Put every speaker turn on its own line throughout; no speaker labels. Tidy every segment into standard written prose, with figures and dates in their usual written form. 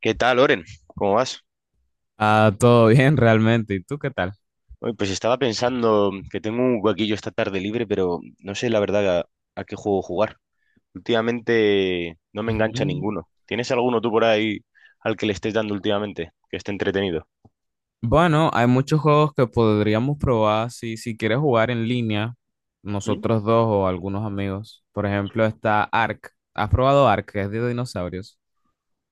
¿Qué tal, Oren? ¿Cómo vas?
Ah, todo bien realmente. ¿Y tú qué tal?
Oye, pues estaba pensando que tengo un huequillo esta tarde libre, pero no sé la verdad a qué juego jugar. Últimamente no me engancha
Ujú.
ninguno. ¿Tienes alguno tú por ahí al que le estés dando últimamente, que esté entretenido?
Bueno, hay muchos juegos que podríamos probar si quieres jugar en línea,
¿Mm?
nosotros dos o algunos amigos. Por ejemplo, está Ark. ¿Has probado Ark? Que es de dinosaurios.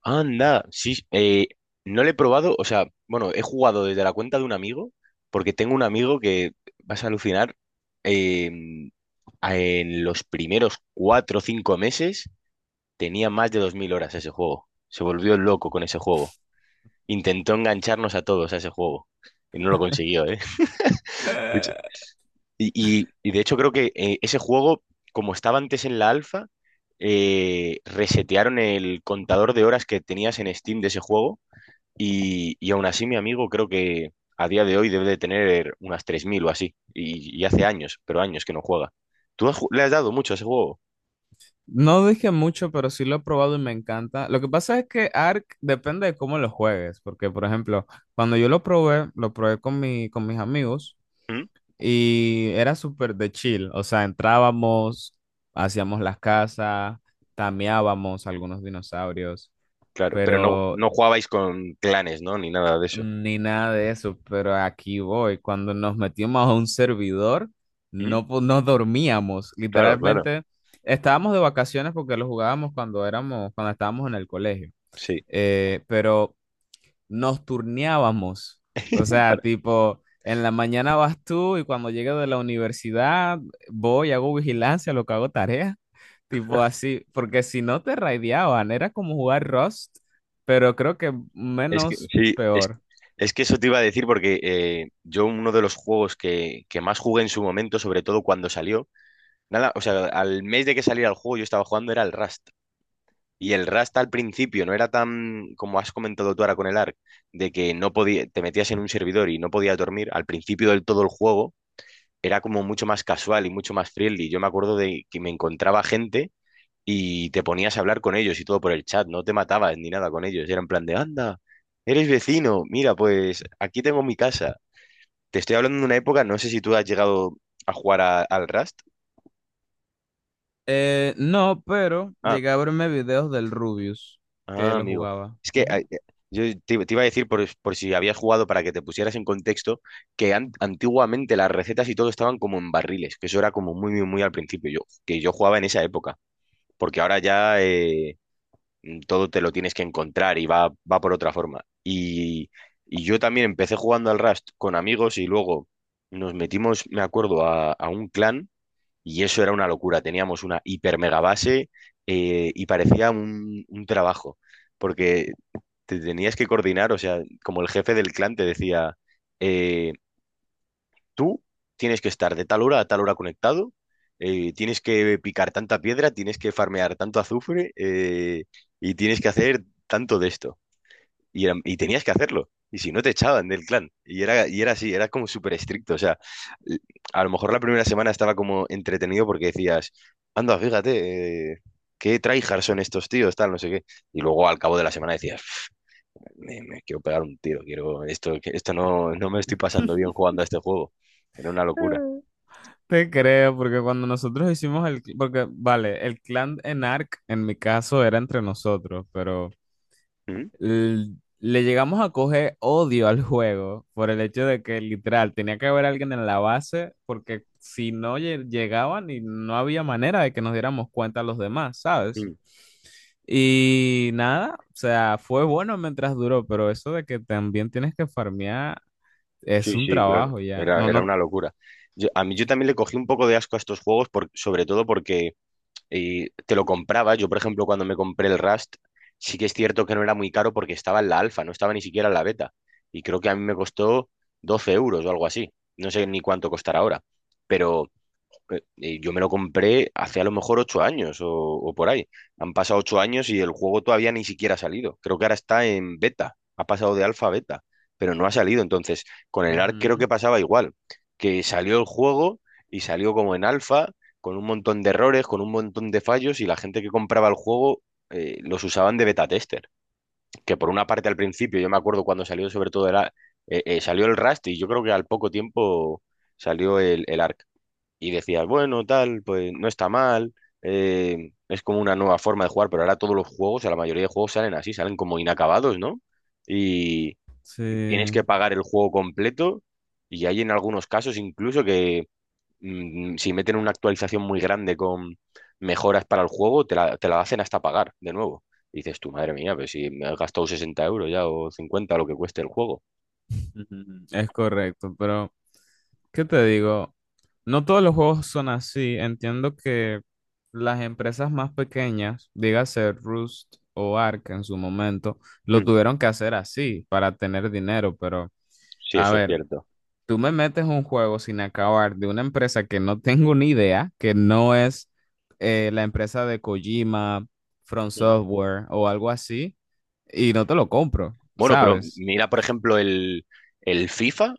Anda, sí, no le he probado, o sea, bueno, he jugado desde la cuenta de un amigo, porque tengo un amigo que vas a alucinar, eh, en los primeros 4 o 5 meses tenía más de 2000 horas ese juego. Se volvió loco con ese juego. Intentó engancharnos a todos a ese juego. Y no lo consiguió, ¿eh?
Eh,
Y de hecho creo que ese juego, como estaba antes en la alfa, resetearon el contador de horas que tenías en Steam de ese juego. Y aún así mi amigo creo que a día de hoy debe de tener unas 3000 o así. Y hace años, pero años que no juega. Le has dado mucho a ese juego?
No dije mucho, pero sí lo he probado y me encanta. Lo que pasa es que Ark depende de cómo lo juegues, porque por ejemplo, cuando yo lo probé con con mis amigos.
¿Mm?
Y era súper de chill, o sea, entrábamos, hacíamos las casas, tameábamos algunos dinosaurios,
Claro, pero no,
pero
no jugabais con clanes, ¿no? Ni nada de eso.
ni nada de eso, pero aquí voy, cuando nos metimos a un servidor,
¿Mm?
no, no dormíamos,
Claro, claro,
literalmente estábamos de vacaciones porque lo jugábamos cuando éramos, cuando estábamos en el colegio,
sí.
pero nos turneábamos. O sea,
Para-
tipo, en la mañana vas tú y cuando llegue de la universidad voy, hago vigilancia, lo que hago tarea. Tipo así, porque si no te raideaban, era como jugar Rust, pero creo que
es que,
menos
sí, es,
peor.
es que eso te iba a decir porque yo, uno de los juegos que más jugué en su momento, sobre todo cuando salió, nada, o sea, al mes de que saliera el juego yo estaba jugando era el Rust. Y el Rust al principio no era tan, como has comentado tú ahora con el Ark, de que no podía, te metías en un servidor y no podías dormir. Al principio del todo el juego era como mucho más casual y mucho más friendly. Yo me acuerdo de que me encontraba gente y te ponías a hablar con ellos y todo por el chat, no te matabas ni nada con ellos, era en plan de, anda, eres vecino, mira, pues aquí tengo mi casa. Te estoy hablando de una época, no sé si tú has llegado a jugar al Rust.
No, pero
Ah,
llegué a verme videos del Rubius, que
ah,
lo
amigo.
jugaba.
Es que
Ujú.
yo, te iba a decir, por si habías jugado para que te pusieras en contexto, que antiguamente las recetas y todo estaban como en barriles, que eso era como muy, muy, muy al principio, yo, que yo jugaba en esa época, porque ahora ya todo te lo tienes que encontrar y va por otra forma. Y yo también empecé jugando al Rust con amigos y luego nos metimos, me acuerdo, a un clan y eso era una locura. Teníamos una hiper mega base, y parecía un trabajo, porque te tenías que coordinar, o sea, como el jefe del clan te decía, eh, tú tienes que estar de tal hora a tal hora conectado, tienes que picar tanta piedra, tienes que farmear tanto azufre, y tienes que hacer tanto de esto. Y tenías que hacerlo. Y si no, te echaban del clan. Y era así, era como súper estricto. O sea, l- a lo mejor la primera semana estaba como entretenido porque decías, anda, fíjate, qué tryhards son estos tíos, tal, no sé qué. Y luego al cabo de la semana decías, me quiero pegar un tiro, quiero, esto, esto no me estoy pasando bien jugando a este juego. Era una locura.
Te creo, porque cuando nosotros hicimos porque vale, el clan en Ark en mi caso era entre nosotros, pero
¿Mm?
le llegamos a coger odio al juego por el hecho de que literal tenía que haber alguien en la base porque si no llegaban y no había manera de que nos diéramos cuenta los demás, ¿sabes?
Mm.
Y nada, o sea, fue bueno mientras duró, pero eso de que también tienes que farmear es
Sí,
un
sí, claro.
trabajo ya.
Era,
No,
era
no.
una locura. Yo, a mí yo también le cogí un poco de asco a estos juegos, sobre todo porque te lo compraba. Yo, por ejemplo, cuando me compré el Rust, sí que es cierto que no era muy caro porque estaba en la alfa, no estaba ni siquiera en la beta. Y creo que a mí me costó 12 euros o algo así. No sé ni cuánto costará ahora. Pero yo me lo compré hace a lo mejor 8 años o por ahí. Han pasado 8 años y el juego todavía ni siquiera ha salido. Creo que ahora está en beta, ha pasado de alfa a beta, pero no ha salido. Entonces, con el ARC creo
Ujú.
que pasaba igual, que salió el juego y salió como en alfa, con un montón de errores, con un montón de fallos y la gente que compraba el juego, los usaban de beta tester, que por una parte al principio, yo me acuerdo cuando salió sobre todo salió el Rust y yo creo que al poco tiempo salió el Ark y decías, bueno, tal, pues no está mal, es como una nueva forma de jugar, pero ahora todos los juegos, o la mayoría de juegos salen así, salen como inacabados, ¿no? Y tienes que
Sí,
pagar el juego completo y hay en algunos casos incluso que, si meten una actualización muy grande con mejoras para el juego, te la hacen hasta pagar de nuevo. Y dices tú, madre mía, pues si me has gastado 60 euros ya o 50, lo que cueste el juego.
ujú, es correcto, pero ¿qué te digo? No todos los juegos son así. Entiendo que las empresas más pequeñas, dígase Rust o Ark en su momento, lo
Mm.
tuvieron que hacer así para tener dinero. Pero,
Sí,
a
eso es
ver,
cierto.
tú me metes un juego sin acabar de una empresa que no tengo ni idea, que no es la empresa de Kojima, From Software o algo así, y no te lo compro,
Bueno, pero
¿sabes?
mira, por ejemplo, el FIFA.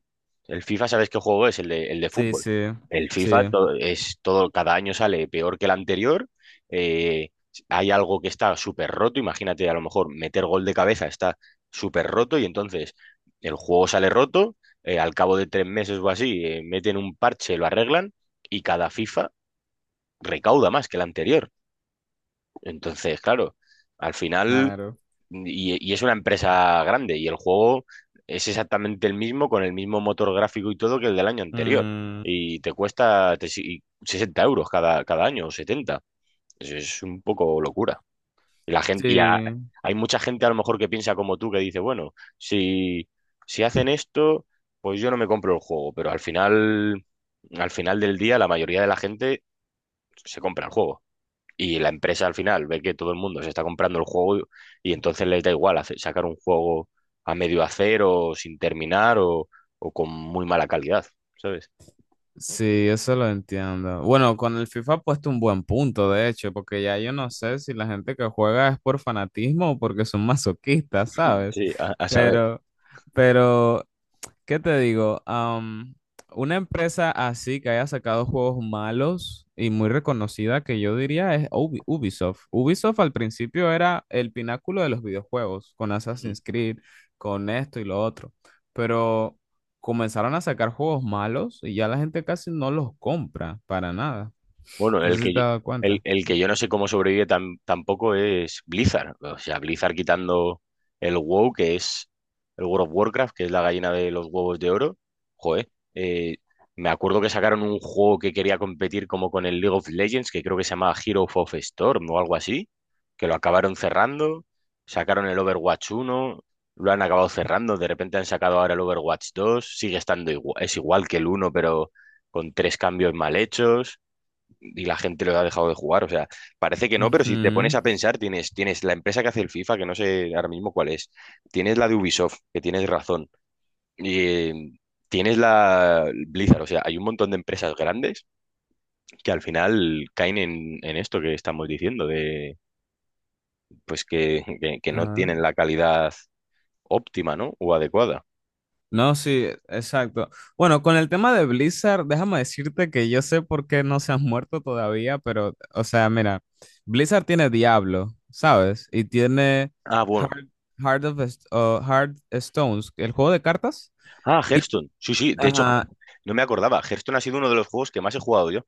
El FIFA ¿sabes qué juego es? El de
Sí,
fútbol.
sí,
El FIFA
sí,
es todo, cada año sale peor que el anterior. eh, hay algo que está súper roto. Imagínate, a lo mejor meter gol de cabeza está súper roto y entonces el juego sale roto. Al cabo de 3 meses o así, meten un parche, lo arreglan y cada FIFA recauda más que el anterior. Entonces, claro, al final.
claro.
Y es una empresa grande y el juego es exactamente el mismo, con el mismo motor gráfico y todo que el del año anterior.
Mm,
Y te cuesta 60 euros cada, cada año o 70. Es un poco locura. Y la gente,
sí.
hay mucha gente a lo mejor que piensa como tú, que dice, bueno, si hacen esto, pues yo no me compro el juego. Pero al final del día, la mayoría de la gente se compra el juego. Y la empresa al final ve que todo el mundo se está comprando el juego y entonces les da igual sacar un juego a medio hacer o sin terminar o con muy mala calidad, ¿sabes?
Sí, eso lo entiendo. Bueno, con el FIFA ha puesto un buen punto, de hecho, porque ya yo no sé si la gente que juega es por fanatismo o porque son masoquistas, ¿sabes?
Sí, a saber.
Pero, pero ¿qué te digo? Una empresa así que haya sacado juegos malos y muy reconocida que yo diría es Ubisoft. Ubisoft al principio era el pináculo de los videojuegos, con Assassin's Creed, con esto y lo otro, pero comenzaron a sacar juegos malos y ya la gente casi no los compra para nada.
Bueno,
No
el
sé si
que,
te
yo-
has dado
el,
cuenta.
el que yo no sé cómo sobrevive tampoco es Blizzard. O sea, Blizzard quitando el WoW, que es el World of Warcraft, que es la gallina de los huevos de oro. Joder, me acuerdo que sacaron un juego que quería competir como con el League of Legends, que creo que se llamaba Hero of Storm o algo así, que lo acabaron cerrando. Sacaron el Overwatch uno, lo han acabado cerrando. De repente han sacado ahora el Overwatch 2. Sigue estando igual, es igual que el uno, pero con tres cambios mal hechos y la gente lo ha dejado de jugar. O sea, parece que no, pero si te
Ujú.
pones a pensar, tienes la empresa que hace el FIFA, que no sé ahora mismo cuál es, tienes la de Ubisoft, que tienes razón, y tienes la Blizzard. O sea, hay un montón de empresas grandes que al final caen en esto que estamos diciendo, de pues que no tienen la calidad óptima, ¿no? O adecuada.
No, sí, exacto. Bueno, con el tema de Blizzard, déjame decirte que yo sé por qué no se han muerto todavía, pero, o sea, mira, Blizzard tiene Diablo, ¿sabes? Y tiene
Ah, bueno.
Heart, o Heart Stones, el juego de cartas.
Ah,
Y,
Hearthstone. Sí, sí. De hecho,
ajá,
no me acordaba. Hearthstone ha sido uno de los juegos que más he jugado yo.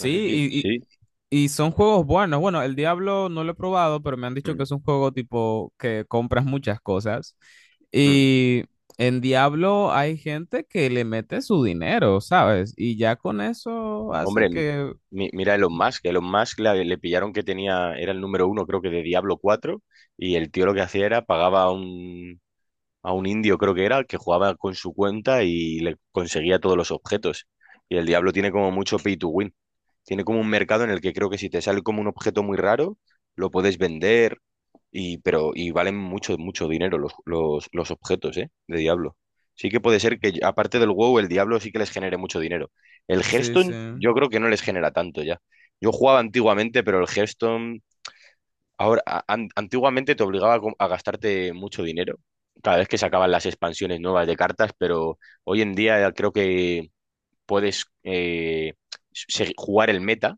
No sé si... Sí.
y son juegos buenos. Bueno, el Diablo no lo he probado, pero me han dicho que
Mm,
es un juego tipo que compras muchas cosas.
mm.
Y en Diablo hay gente que le mete su dinero, ¿sabes? Y ya con eso hace
Hombre,
que...
mira Elon Musk. Elon Musk le pillaron que tenía, era el número uno, creo que de Diablo 4. Y el tío lo que hacía era pagaba a un indio, creo que era, que jugaba con su cuenta y le conseguía todos los objetos. Y el Diablo tiene como mucho pay to win. Tiene como un mercado en el que creo que si te sale como un objeto muy raro, lo puedes vender y, pero, y valen mucho, mucho dinero los objetos, ¿eh? De Diablo. Sí que puede ser que, aparte del WoW, el Diablo sí que les genere mucho dinero. El
Sí, sí.
Hearthstone yo creo que no les genera tanto ya. Yo jugaba antiguamente, pero el Hearthstone... Ahora, antiguamente te obligaba a gastarte mucho dinero cada vez que sacaban las expansiones nuevas de cartas, pero hoy en día creo que puedes jugar el meta,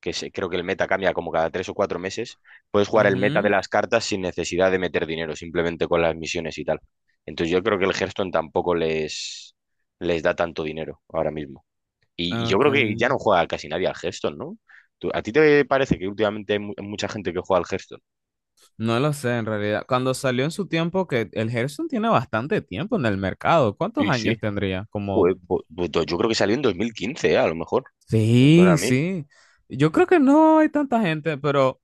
que creo que el meta cambia como cada 3 o 4 meses, puedes jugar el meta de
Ujú.
las cartas sin necesidad de meter dinero, simplemente con las misiones y tal. Entonces yo creo que el Hearthstone tampoco les da tanto dinero ahora mismo. Y yo
Ok.
creo que ya no juega casi nadie al Hearthstone, ¿no? A ti te parece que últimamente hay mucha gente que juega al Hearthstone?
No lo sé en realidad. Cuando salió en su tiempo, que el Hearthstone tiene bastante tiempo en el mercado.
Sí,
¿Cuántos
sí.
años tendría? Como
Joder, pues yo creo que salió en 2015, a lo mejor. Me suena a
sí,
mí.
sí. Yo creo que no hay tanta gente, pero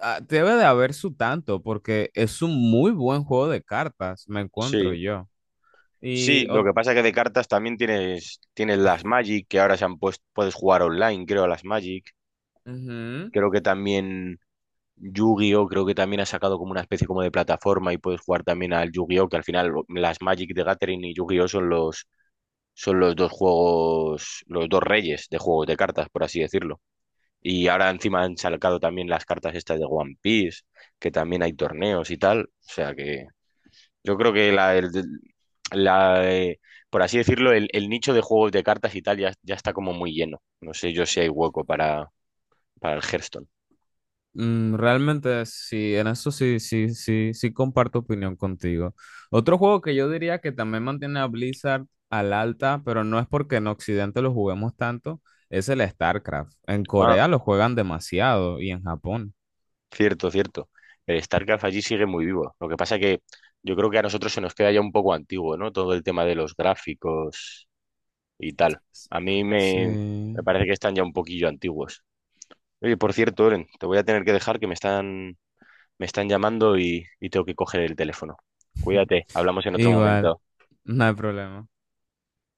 debe de haber su tanto, porque es un muy buen juego de cartas, me encuentro
Sí.
yo. Y
Sí, lo que pasa es que de cartas también tienes, las Magic, que ahora se han puesto, puedes jugar online, creo, a las Magic.
ujú.
Creo que también Yu-Gi-Oh! Creo que también ha sacado como una especie como de plataforma y puedes jugar también al Yu-Gi-Oh!, que al final las Magic de Gathering y Yu-Gi-Oh! son los dos juegos, los dos reyes de juegos de cartas, por así decirlo. Y ahora encima han sacado también las cartas estas de One Piece, que también hay torneos y tal. O sea que yo creo que la, eh, por así decirlo, el nicho de juegos de cartas y tal ya, está como muy lleno. No sé yo si hay hueco para el Hearthstone.
Mm, realmente sí, en eso sí, sí, sí, sí comparto opinión contigo. Otro juego que yo diría que también mantiene a Blizzard al alta, pero no es porque en Occidente lo juguemos tanto, es el StarCraft. En
Ah,
Corea lo juegan demasiado y en Japón.
cierto, cierto. El StarCraft allí sigue muy vivo. Lo que pasa que yo creo que a nosotros se nos queda ya un poco antiguo, ¿no? Todo el tema de los gráficos y tal. A mí me,
Sí.
me parece que están ya un poquillo antiguos. Oye, por cierto, Oren, te voy a tener que dejar que me están llamando y tengo que coger el teléfono. Cuídate, hablamos en otro
Igual.
momento.
No hay problema.